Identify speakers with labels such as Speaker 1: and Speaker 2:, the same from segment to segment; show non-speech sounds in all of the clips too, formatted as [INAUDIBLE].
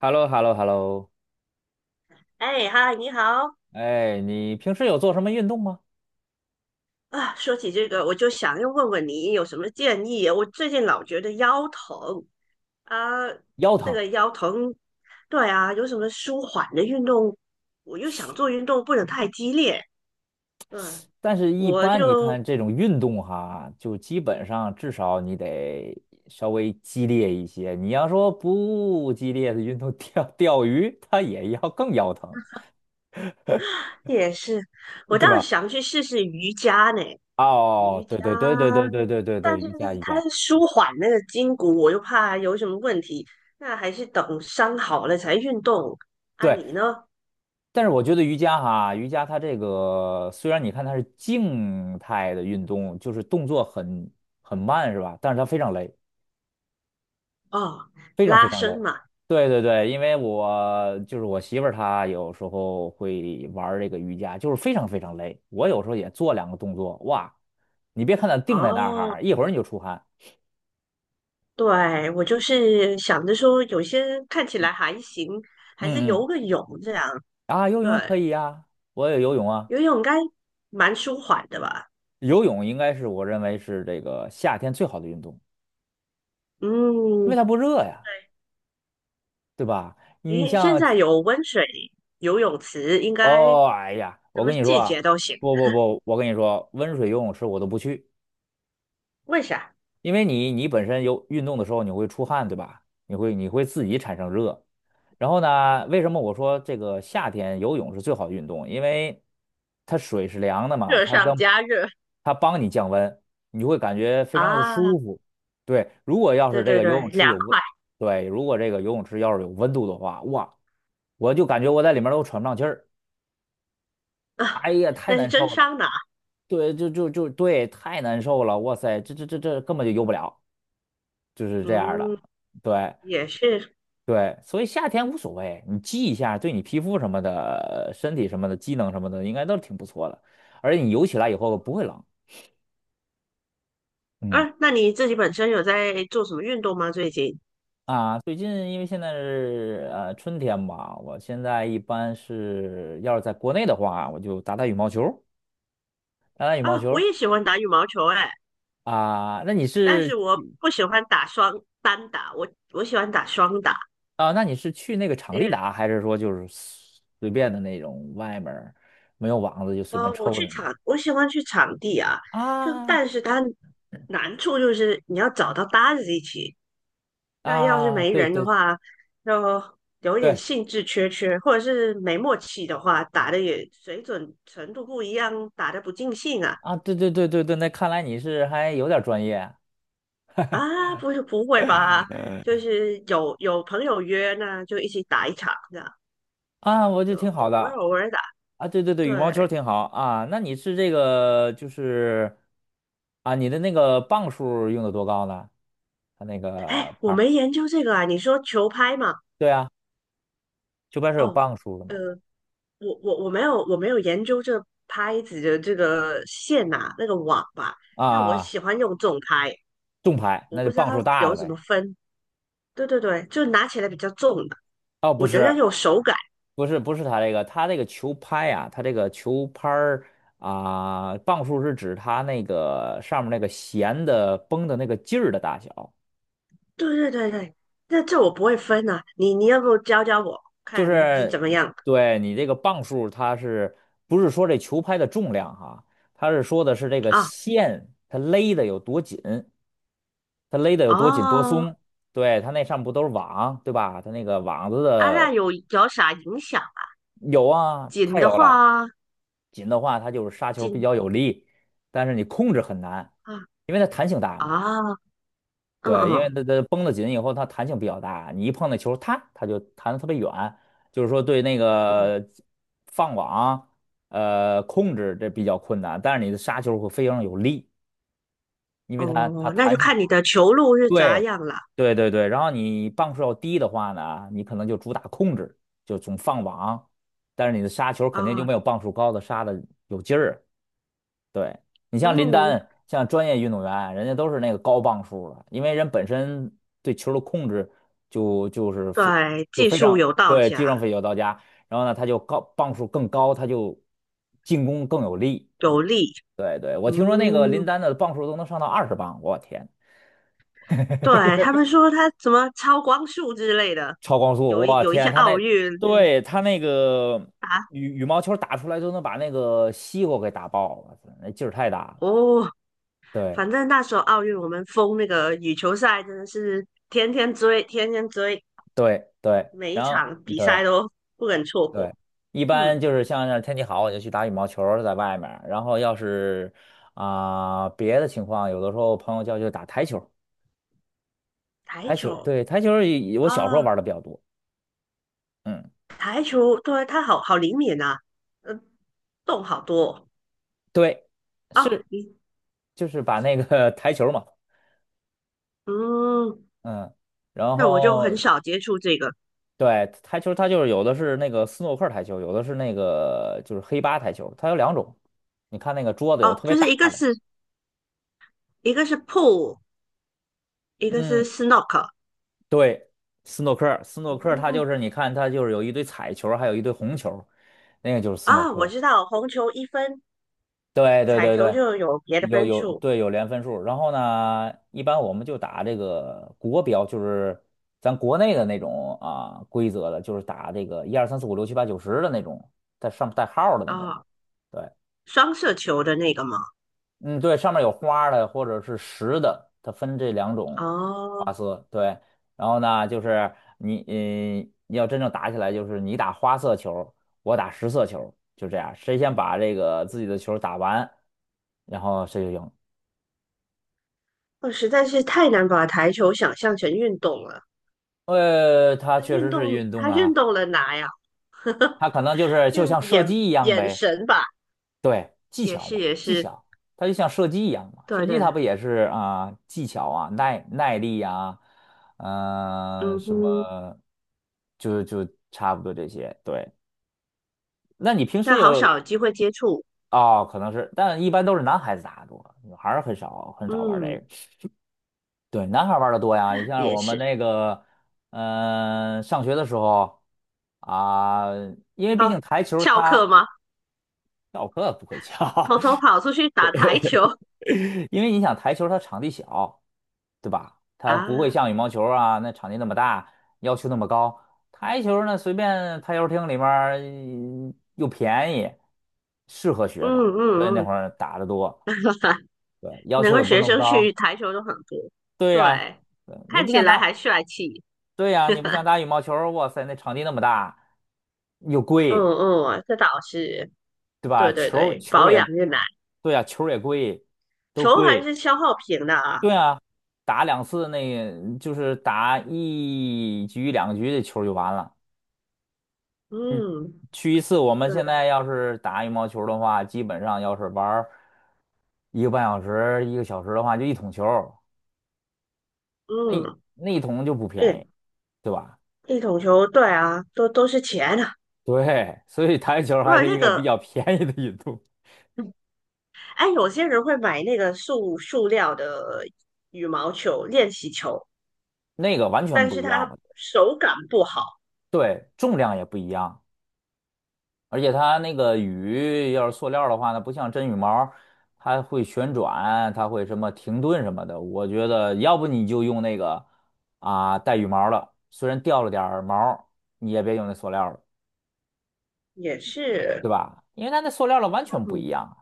Speaker 1: h e l l o h e l l o h e l l o
Speaker 2: 哎，嗨，你好
Speaker 1: 哎，你平时有做什么运动吗？
Speaker 2: 啊！说起这个，我就想要问问你有什么建议？我最近老觉得腰疼啊，
Speaker 1: 腰
Speaker 2: 这
Speaker 1: 疼，
Speaker 2: 个腰疼，对啊，有什么舒缓的运动？我又想做运动，不能太激烈。嗯，
Speaker 1: 但是一
Speaker 2: 我
Speaker 1: 般你
Speaker 2: 就
Speaker 1: 看这种运动哈，就基本上至少你得稍微激烈一些。你要说不激烈的运动 [LAUGHS]，钓钓鱼，它也要更腰疼，
Speaker 2: 也是，我
Speaker 1: 对
Speaker 2: 倒是
Speaker 1: 吧？
Speaker 2: 想去试试瑜伽呢，瑜
Speaker 1: 哦，对
Speaker 2: 伽，
Speaker 1: 对对对对对对对
Speaker 2: 但
Speaker 1: 对，
Speaker 2: 是
Speaker 1: 瑜伽瑜
Speaker 2: 它
Speaker 1: 伽，
Speaker 2: 是舒缓那个筋骨，我又怕有什么问题，那还是等伤好了才运动。啊，
Speaker 1: 对。
Speaker 2: 你呢？
Speaker 1: 但是我觉得瑜伽哈，瑜伽它这个虽然你看它是静态的运动，就是动作很慢是吧？但是它非常累。
Speaker 2: 哦，
Speaker 1: 非常非
Speaker 2: 拉
Speaker 1: 常累。
Speaker 2: 伸嘛。
Speaker 1: 对对对，因为我就是我媳妇儿，她有时候会玩儿这个瑜伽，就是非常非常累。我有时候也做两个动作，哇，你别看她定在那儿
Speaker 2: 哦，
Speaker 1: 哈，一会儿你就出汗。
Speaker 2: 对，我就是想着说，有些看起来还行，还是
Speaker 1: 嗯
Speaker 2: 游
Speaker 1: 嗯，
Speaker 2: 个泳这样。
Speaker 1: 啊，游泳可
Speaker 2: 对，
Speaker 1: 以呀，我也游泳啊。
Speaker 2: 游泳应该蛮舒缓的吧？
Speaker 1: 游泳应该是我认为是这个夏天最好的运动，因为
Speaker 2: 嗯，
Speaker 1: 它不热呀，对吧？你
Speaker 2: 诶，现
Speaker 1: 像，
Speaker 2: 在有温水游泳池，应该
Speaker 1: 哦，哎呀，
Speaker 2: 什
Speaker 1: 我
Speaker 2: 么
Speaker 1: 跟你说
Speaker 2: 季节
Speaker 1: 啊，
Speaker 2: 都行。
Speaker 1: 不不不，我跟你说，温水游泳池我都不去。
Speaker 2: 为啥？
Speaker 1: 因为你本身有运动的时候你会出汗，对吧？你会自己产生热。然后呢，为什么我说这个夏天游泳是最好的运动？因为它水是凉的嘛，
Speaker 2: 热
Speaker 1: 它
Speaker 2: 上
Speaker 1: 当
Speaker 2: 加热。
Speaker 1: 它帮你降温，你会感觉非常的
Speaker 2: 啊，
Speaker 1: 舒服。对，如果要
Speaker 2: 对
Speaker 1: 是这
Speaker 2: 对
Speaker 1: 个游
Speaker 2: 对，
Speaker 1: 泳池
Speaker 2: 凉
Speaker 1: 有温，
Speaker 2: 快
Speaker 1: 对，如果这个游泳池要是有温度的话，哇，我就感觉我在里面都喘不上气儿，
Speaker 2: 啊，
Speaker 1: 哎呀，太
Speaker 2: 那是
Speaker 1: 难受
Speaker 2: 真
Speaker 1: 了。
Speaker 2: 桑拿。
Speaker 1: 对，就对，太难受了，哇塞，这根本就游不了。就是这样的。
Speaker 2: 嗯，
Speaker 1: 对
Speaker 2: 也是。
Speaker 1: 对，所以夏天无所谓，你积一下，对你皮肤什么的、身体什么的、机能什么的，应该都挺不错的。而且你游起来以后不会冷嗯
Speaker 2: 啊，那你自己本身有在做什么运动吗？最近？
Speaker 1: 啊。最近因为现在是春天嘛，我现在一般是要是在国内的话，我就打打羽毛球，打打羽毛
Speaker 2: 啊，我
Speaker 1: 球
Speaker 2: 也喜欢打羽毛球、欸，
Speaker 1: 啊。那你
Speaker 2: 但
Speaker 1: 是
Speaker 2: 是我不喜欢打单打，我喜欢打双打，
Speaker 1: 啊？那你是去那个场
Speaker 2: 因
Speaker 1: 地
Speaker 2: 为
Speaker 1: 打，还是说就是随便的那种外面儿没有网子就随便
Speaker 2: 我
Speaker 1: 抽的
Speaker 2: 去
Speaker 1: 那种？
Speaker 2: 场，我喜欢去场地啊，就
Speaker 1: 啊
Speaker 2: 但是它难处就是你要找到搭子一起，那要是
Speaker 1: 啊，
Speaker 2: 没
Speaker 1: 对
Speaker 2: 人的
Speaker 1: 对
Speaker 2: 话，就有一点
Speaker 1: 对
Speaker 2: 兴致缺缺，或者是没默契的话，打的也水准程度不一样，打的不尽兴啊
Speaker 1: 啊，对对对对对，那看来你是还有点专业
Speaker 2: 啊，不是不会吧？就是有朋友约，那就一起打一场这样，
Speaker 1: 啊，我就
Speaker 2: 就
Speaker 1: 挺
Speaker 2: 偶
Speaker 1: 好
Speaker 2: 尔
Speaker 1: 的
Speaker 2: 偶尔打，
Speaker 1: 啊，对对对，羽毛球
Speaker 2: 对。
Speaker 1: 挺好啊，那你是这个就是啊，你的那个磅数用的多高呢？它那个
Speaker 2: 哎，
Speaker 1: 拍
Speaker 2: 我
Speaker 1: 儿，
Speaker 2: 没研究这个啊，你说球拍嘛？
Speaker 1: 对啊，球拍是有
Speaker 2: 哦，
Speaker 1: 磅数的
Speaker 2: 呃，
Speaker 1: 嘛？
Speaker 2: 我没有研究这拍子的这个线呐、那个网吧，但我
Speaker 1: 啊，
Speaker 2: 喜欢用重拍，
Speaker 1: 重拍
Speaker 2: 我
Speaker 1: 那就
Speaker 2: 不知道
Speaker 1: 磅数大
Speaker 2: 有
Speaker 1: 的
Speaker 2: 什么
Speaker 1: 呗。
Speaker 2: 分。对对对，就拿起来比较重的，
Speaker 1: 哦，不
Speaker 2: 我觉得
Speaker 1: 是，
Speaker 2: 有手感。
Speaker 1: 不是，不是它这个，它这个球拍啊，它这个球拍儿啊，磅数是指它那个上面那个弦的绷的那个劲儿的大小。
Speaker 2: 对对对对，那这我不会分啊，你要不教教我
Speaker 1: 就
Speaker 2: 看是
Speaker 1: 是
Speaker 2: 怎么样
Speaker 1: 对你这个磅数，它是不是说这球拍的重量哈？它是说的是这个
Speaker 2: 啊？
Speaker 1: 线它勒的有多紧，它勒的有多紧多
Speaker 2: 哦，
Speaker 1: 松。对，它那上面不都是网，对吧？它那个网子
Speaker 2: 啊，那
Speaker 1: 的
Speaker 2: 有啥影响啊？
Speaker 1: 有啊，
Speaker 2: 紧
Speaker 1: 太有
Speaker 2: 的
Speaker 1: 了，
Speaker 2: 话，
Speaker 1: 紧的话它就是杀球比
Speaker 2: 紧
Speaker 1: 较有力，但是你控制很难，
Speaker 2: 啊
Speaker 1: 因为它弹性大嘛。
Speaker 2: 啊，嗯
Speaker 1: 对，因为
Speaker 2: 嗯。
Speaker 1: 它绷得紧以后，它弹性比较大，你一碰那球，它就弹得特别远，就是说对那
Speaker 2: 嗯
Speaker 1: 个放网，控制这比较困难，但是你的杀球会非常有力，因为它
Speaker 2: 哦，那就
Speaker 1: 弹性
Speaker 2: 看
Speaker 1: 大。
Speaker 2: 你的球路是咋
Speaker 1: 对
Speaker 2: 样了
Speaker 1: 对对对，然后你磅数要低的话呢，你可能就主打控制，就总放网，但是你的杀球肯定就
Speaker 2: 啊，
Speaker 1: 没有磅数高的杀的有劲儿。对，你像林
Speaker 2: 嗯，
Speaker 1: 丹，像专业运动员，人家都是那个高磅数的，因为人本身对球的控制就就是非
Speaker 2: 对，
Speaker 1: 就
Speaker 2: 技
Speaker 1: 非
Speaker 2: 术
Speaker 1: 常
Speaker 2: 有道
Speaker 1: 对技
Speaker 2: 家，
Speaker 1: 术上非常到家，然后呢，他就高磅数更高，他就进攻更有力，他就
Speaker 2: 有力。
Speaker 1: 对对，我听说那个林
Speaker 2: 嗯，
Speaker 1: 丹的磅数都能上到20磅，我天，
Speaker 2: 对，他们说他什么超光速之类的，
Speaker 1: 超光速，
Speaker 2: 有一
Speaker 1: 我
Speaker 2: 有一些
Speaker 1: 天，他
Speaker 2: 奥
Speaker 1: 那
Speaker 2: 运就是
Speaker 1: 对他那个
Speaker 2: 啊，
Speaker 1: 羽毛球打出来都能把那个西瓜给打爆了，那劲儿太大了，
Speaker 2: 哦，
Speaker 1: 对
Speaker 2: 反正那时候奥运我们封那个羽球赛，真的是天天追，天天追，
Speaker 1: 对对，
Speaker 2: 每一
Speaker 1: 然后
Speaker 2: 场比
Speaker 1: 对。
Speaker 2: 赛都不肯错
Speaker 1: 对，
Speaker 2: 过。
Speaker 1: 一般
Speaker 2: 嗯，
Speaker 1: 就是像是天气好，我就去打羽毛球儿在外面儿然后要是啊、别的情况，有的时候朋友叫就打台球儿
Speaker 2: 台
Speaker 1: 台球
Speaker 2: 球
Speaker 1: 对台球儿也我小时
Speaker 2: 啊，
Speaker 1: 候玩的比较多。嗯，
Speaker 2: 台球，对，他好好灵敏啊，呃，动好多
Speaker 1: 对，
Speaker 2: 哦。
Speaker 1: 是就是把那个 [LAUGHS] 台球儿嘛，
Speaker 2: 嗯，
Speaker 1: 嗯，然
Speaker 2: 那我就很
Speaker 1: 后
Speaker 2: 少接触这个
Speaker 1: 对台球，它就是有的是那个斯诺克台球，有的是那个就是黑八台球，它有两种。你看那个桌子有
Speaker 2: 哦，
Speaker 1: 特别
Speaker 2: 就是一
Speaker 1: 大
Speaker 2: 个
Speaker 1: 的。
Speaker 2: 是一个是 pool,一个是
Speaker 1: 嗯。
Speaker 2: snook
Speaker 1: 对，斯诺克，斯诺克，它
Speaker 2: 嗯
Speaker 1: 就是你看，它就是有一堆彩球儿还有一堆红球儿那个就是斯诺
Speaker 2: 啊，我
Speaker 1: 克。
Speaker 2: 知道，红球一分，
Speaker 1: 对对
Speaker 2: 彩
Speaker 1: 对
Speaker 2: 球
Speaker 1: 对，
Speaker 2: 就有别的
Speaker 1: 有
Speaker 2: 分
Speaker 1: 有
Speaker 2: 数
Speaker 1: 对有连分数儿然后呢，一般我们就打这个国标，就是咱国内的那种啊规则的，就是打这个1、2、3、4、5、6、7、8、9、10的那种，带上带号儿的那种。
Speaker 2: 啊，
Speaker 1: 对，
Speaker 2: 双色球的那个吗？
Speaker 1: 嗯，对，上面有花的或者是实的，它分这两种
Speaker 2: 哦，
Speaker 1: 花色。对，然后呢，就是你，嗯，要真正打起来，就是你打花色球，我打实色球，就这样，谁先把这个自己的球打完，然后谁就赢。
Speaker 2: 我实在是太难把台球想象成运动了。
Speaker 1: 它
Speaker 2: 它
Speaker 1: 确
Speaker 2: 运
Speaker 1: 实是
Speaker 2: 动，
Speaker 1: 运动
Speaker 2: 它运
Speaker 1: 啊，
Speaker 2: 动了哪呀？
Speaker 1: 它可能就是就
Speaker 2: 运
Speaker 1: 像射击
Speaker 2: 眼
Speaker 1: 一样
Speaker 2: 眼
Speaker 1: 呗。
Speaker 2: 神吧，
Speaker 1: 对，技
Speaker 2: 也
Speaker 1: 巧
Speaker 2: 是
Speaker 1: 嘛，
Speaker 2: 也
Speaker 1: 技
Speaker 2: 是，
Speaker 1: 巧，它就像射击一样嘛，射
Speaker 2: 对
Speaker 1: 击
Speaker 2: 对，
Speaker 1: 它不也是啊、技巧啊，耐力呀、嗯、
Speaker 2: 嗯
Speaker 1: 什么，
Speaker 2: 哼，
Speaker 1: 就差不多这些。对，那你平时
Speaker 2: 但好
Speaker 1: 有
Speaker 2: 少有机会接触，
Speaker 1: 哦，可能是，但一般都是男孩子打的多，女孩儿很少很少玩这
Speaker 2: 嗯，
Speaker 1: 个。对，男孩儿玩的多呀，你像
Speaker 2: 也
Speaker 1: 我们
Speaker 2: 是
Speaker 1: 那个，嗯、上学的时候啊、因为毕
Speaker 2: 哦，
Speaker 1: 竟台球
Speaker 2: 翘课
Speaker 1: 它
Speaker 2: 吗？
Speaker 1: 教课不会教，
Speaker 2: 偷偷跑出去打台球
Speaker 1: [LAUGHS] 因为你想台球它场地小。对吧？它不会
Speaker 2: 啊，嗯
Speaker 1: 像羽毛球啊，那场地那么大，要求那么高。台球呢，随便台球厅里面儿嗯又便宜，适合
Speaker 2: 嗯
Speaker 1: 学生，所以那
Speaker 2: 嗯，
Speaker 1: 会儿打得多，
Speaker 2: [LAUGHS]
Speaker 1: 对，要
Speaker 2: 难
Speaker 1: 求也
Speaker 2: 怪
Speaker 1: 不是
Speaker 2: 学
Speaker 1: 那么
Speaker 2: 生
Speaker 1: 高。
Speaker 2: 去台球都很多，
Speaker 1: 对呀，
Speaker 2: 对，
Speaker 1: 对，你
Speaker 2: 看
Speaker 1: 不
Speaker 2: 起
Speaker 1: 像
Speaker 2: 来
Speaker 1: 打，
Speaker 2: 还帅气，
Speaker 1: 对呀，你不像打羽毛球儿哇塞，那场地那么大，又
Speaker 2: 嗯
Speaker 1: 贵，
Speaker 2: 嗯，这倒是，
Speaker 1: 对吧？
Speaker 2: 对对
Speaker 1: 球儿
Speaker 2: 对，
Speaker 1: 球儿
Speaker 2: 保养
Speaker 1: 也，
Speaker 2: 越难，
Speaker 1: 对呀，球儿也贵，都
Speaker 2: 球还
Speaker 1: 贵，
Speaker 2: 是消耗品的啊，
Speaker 1: 对啊，打两次那就是打一局两局的球儿就完了。嗯，
Speaker 2: 嗯，
Speaker 1: 去一次，我们
Speaker 2: 对
Speaker 1: 现
Speaker 2: 对，
Speaker 1: 在要是打羽毛球的话，基本上要是玩儿1个半小时、1个小时的话，就一桶球儿，那
Speaker 2: 嗯，
Speaker 1: 那一桶就不便
Speaker 2: 对，
Speaker 1: 宜，对吧？[LAUGHS]
Speaker 2: 一桶球，对啊，都是钱啊，
Speaker 1: 对，所以台球
Speaker 2: 不
Speaker 1: 还
Speaker 2: 然
Speaker 1: 是
Speaker 2: 那
Speaker 1: 一个
Speaker 2: 个，
Speaker 1: 比较便宜的运动，
Speaker 2: 哎，有些人会买那个塑料的羽毛球练习球，
Speaker 1: 那个完全
Speaker 2: 但
Speaker 1: 不
Speaker 2: 是
Speaker 1: 一样，
Speaker 2: 他
Speaker 1: 嘛，
Speaker 2: 手感不好，
Speaker 1: 对，重量也不一样。而且它那个羽，要是塑料的话呢，不像真羽毛，它会旋转，它会什么停顿什么的。我觉得要不你就用那个啊带羽毛的，虽然掉了点儿毛，你也别用那塑料的，
Speaker 2: 也
Speaker 1: 对
Speaker 2: 是。
Speaker 1: 吧？因为它那塑料的完全不一
Speaker 2: 嗯，
Speaker 1: 样啊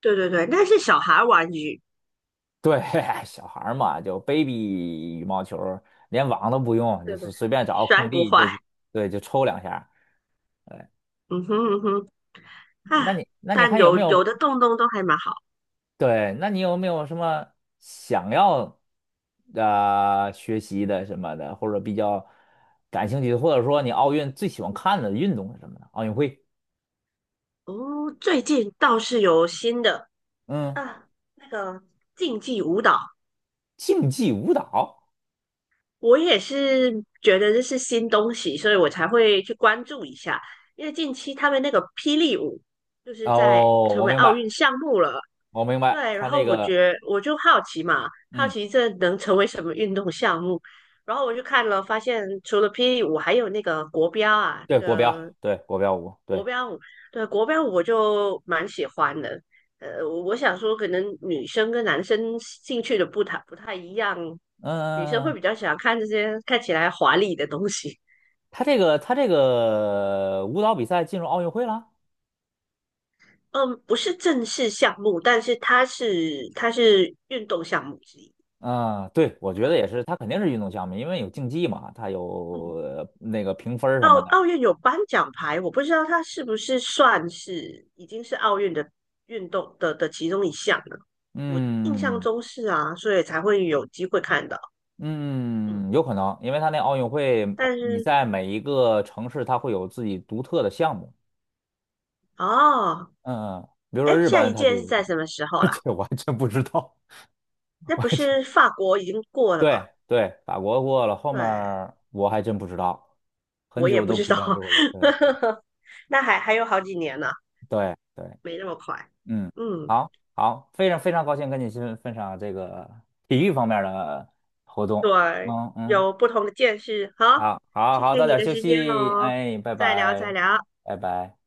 Speaker 2: 对对对，那是小孩玩具，
Speaker 1: 对，[LAUGHS] 小孩儿嘛，就 baby 羽毛球儿，连网都不用，就
Speaker 2: 对
Speaker 1: 是
Speaker 2: 对，
Speaker 1: 随便找个
Speaker 2: 摔
Speaker 1: 空
Speaker 2: 不
Speaker 1: 地就
Speaker 2: 坏。
Speaker 1: 对就抽两下儿。对，
Speaker 2: 嗯哼嗯哼
Speaker 1: 那
Speaker 2: 啊，
Speaker 1: 你那你
Speaker 2: 但
Speaker 1: 还有
Speaker 2: 有
Speaker 1: 没有
Speaker 2: 有的洞洞都还蛮好
Speaker 1: 对，那你有没有什么想要学习的什么的，或者比较感兴趣的，或者说你奥运最喜欢看的运动是什么呢？奥运会，
Speaker 2: 哦。最近倒是有新的
Speaker 1: 嗯，
Speaker 2: 啊，那个竞技舞蹈，
Speaker 1: 竞技舞蹈。
Speaker 2: 我也是觉得这是新东西，所以我才会去关注一下。因为近期他们那个霹雳舞就是在
Speaker 1: 哦，
Speaker 2: 成
Speaker 1: 我
Speaker 2: 为
Speaker 1: 明
Speaker 2: 奥
Speaker 1: 白，
Speaker 2: 运项目了，
Speaker 1: 我明白，
Speaker 2: 对，然
Speaker 1: 他
Speaker 2: 后
Speaker 1: 那
Speaker 2: 我
Speaker 1: 个，
Speaker 2: 觉得我就好奇嘛，好
Speaker 1: 嗯，
Speaker 2: 奇这能成为什么运动项目？然后我就看了，发现除了霹雳舞，还有那个国标啊，
Speaker 1: 对，
Speaker 2: 那
Speaker 1: 国标，
Speaker 2: 个
Speaker 1: 对，国标舞，对，
Speaker 2: 钢舞对国标舞我就蛮喜欢的。我想说，可能女生跟男生兴趣的不太一样，女生
Speaker 1: 嗯，
Speaker 2: 会比较喜欢看这些看起来华丽的东西。
Speaker 1: 他这个舞蹈比赛进入奥运会了。
Speaker 2: 嗯，不是正式项目，但是它是运动项目之一。
Speaker 1: 嗯，对，我觉
Speaker 2: 对，
Speaker 1: 得也是，它肯定是运动项目，因为有竞技嘛，它有
Speaker 2: 嗯。
Speaker 1: 那个评分儿什
Speaker 2: 奥
Speaker 1: 么的。
Speaker 2: 奥运有颁奖牌，我不知道它是不是算是已经是奥运的运动的其中一项了。我印象
Speaker 1: 嗯，
Speaker 2: 中是啊，所以才会有机会看到。嗯，
Speaker 1: 嗯，有可能，因为他那奥运会，
Speaker 2: 但
Speaker 1: 你
Speaker 2: 是
Speaker 1: 在每一个城市，它会有自己独特的项目。
Speaker 2: 哦，
Speaker 1: 嗯嗯，比如说
Speaker 2: 哎，
Speaker 1: 日
Speaker 2: 下
Speaker 1: 本，
Speaker 2: 一
Speaker 1: 它就
Speaker 2: 届是
Speaker 1: 有，
Speaker 2: 在什么时候
Speaker 1: [LAUGHS]
Speaker 2: 啦？
Speaker 1: 这我还真不知道，
Speaker 2: 那
Speaker 1: 我
Speaker 2: 不
Speaker 1: 还真
Speaker 2: 是法国已经过了吧？
Speaker 1: 对对，法国过了，后面
Speaker 2: 对，
Speaker 1: 儿我还真不知道，很
Speaker 2: 我也
Speaker 1: 久
Speaker 2: 不
Speaker 1: 都
Speaker 2: 知
Speaker 1: 不
Speaker 2: 道，
Speaker 1: 关注了。对
Speaker 2: [LAUGHS] 那还有好几年呢，
Speaker 1: 对对，
Speaker 2: 没那么快。
Speaker 1: 嗯，
Speaker 2: 嗯，
Speaker 1: 好好，非常非常高兴跟你分享这个体育方面的活动。
Speaker 2: 对，
Speaker 1: 嗯嗯，
Speaker 2: 有不同的见识。好，
Speaker 1: 好好
Speaker 2: 谢
Speaker 1: 好，
Speaker 2: 谢
Speaker 1: 早
Speaker 2: 你
Speaker 1: 点
Speaker 2: 的
Speaker 1: 休
Speaker 2: 时间
Speaker 1: 息，
Speaker 2: 哦，
Speaker 1: 哎，拜
Speaker 2: 再聊再
Speaker 1: 拜，
Speaker 2: 聊。
Speaker 1: 拜拜。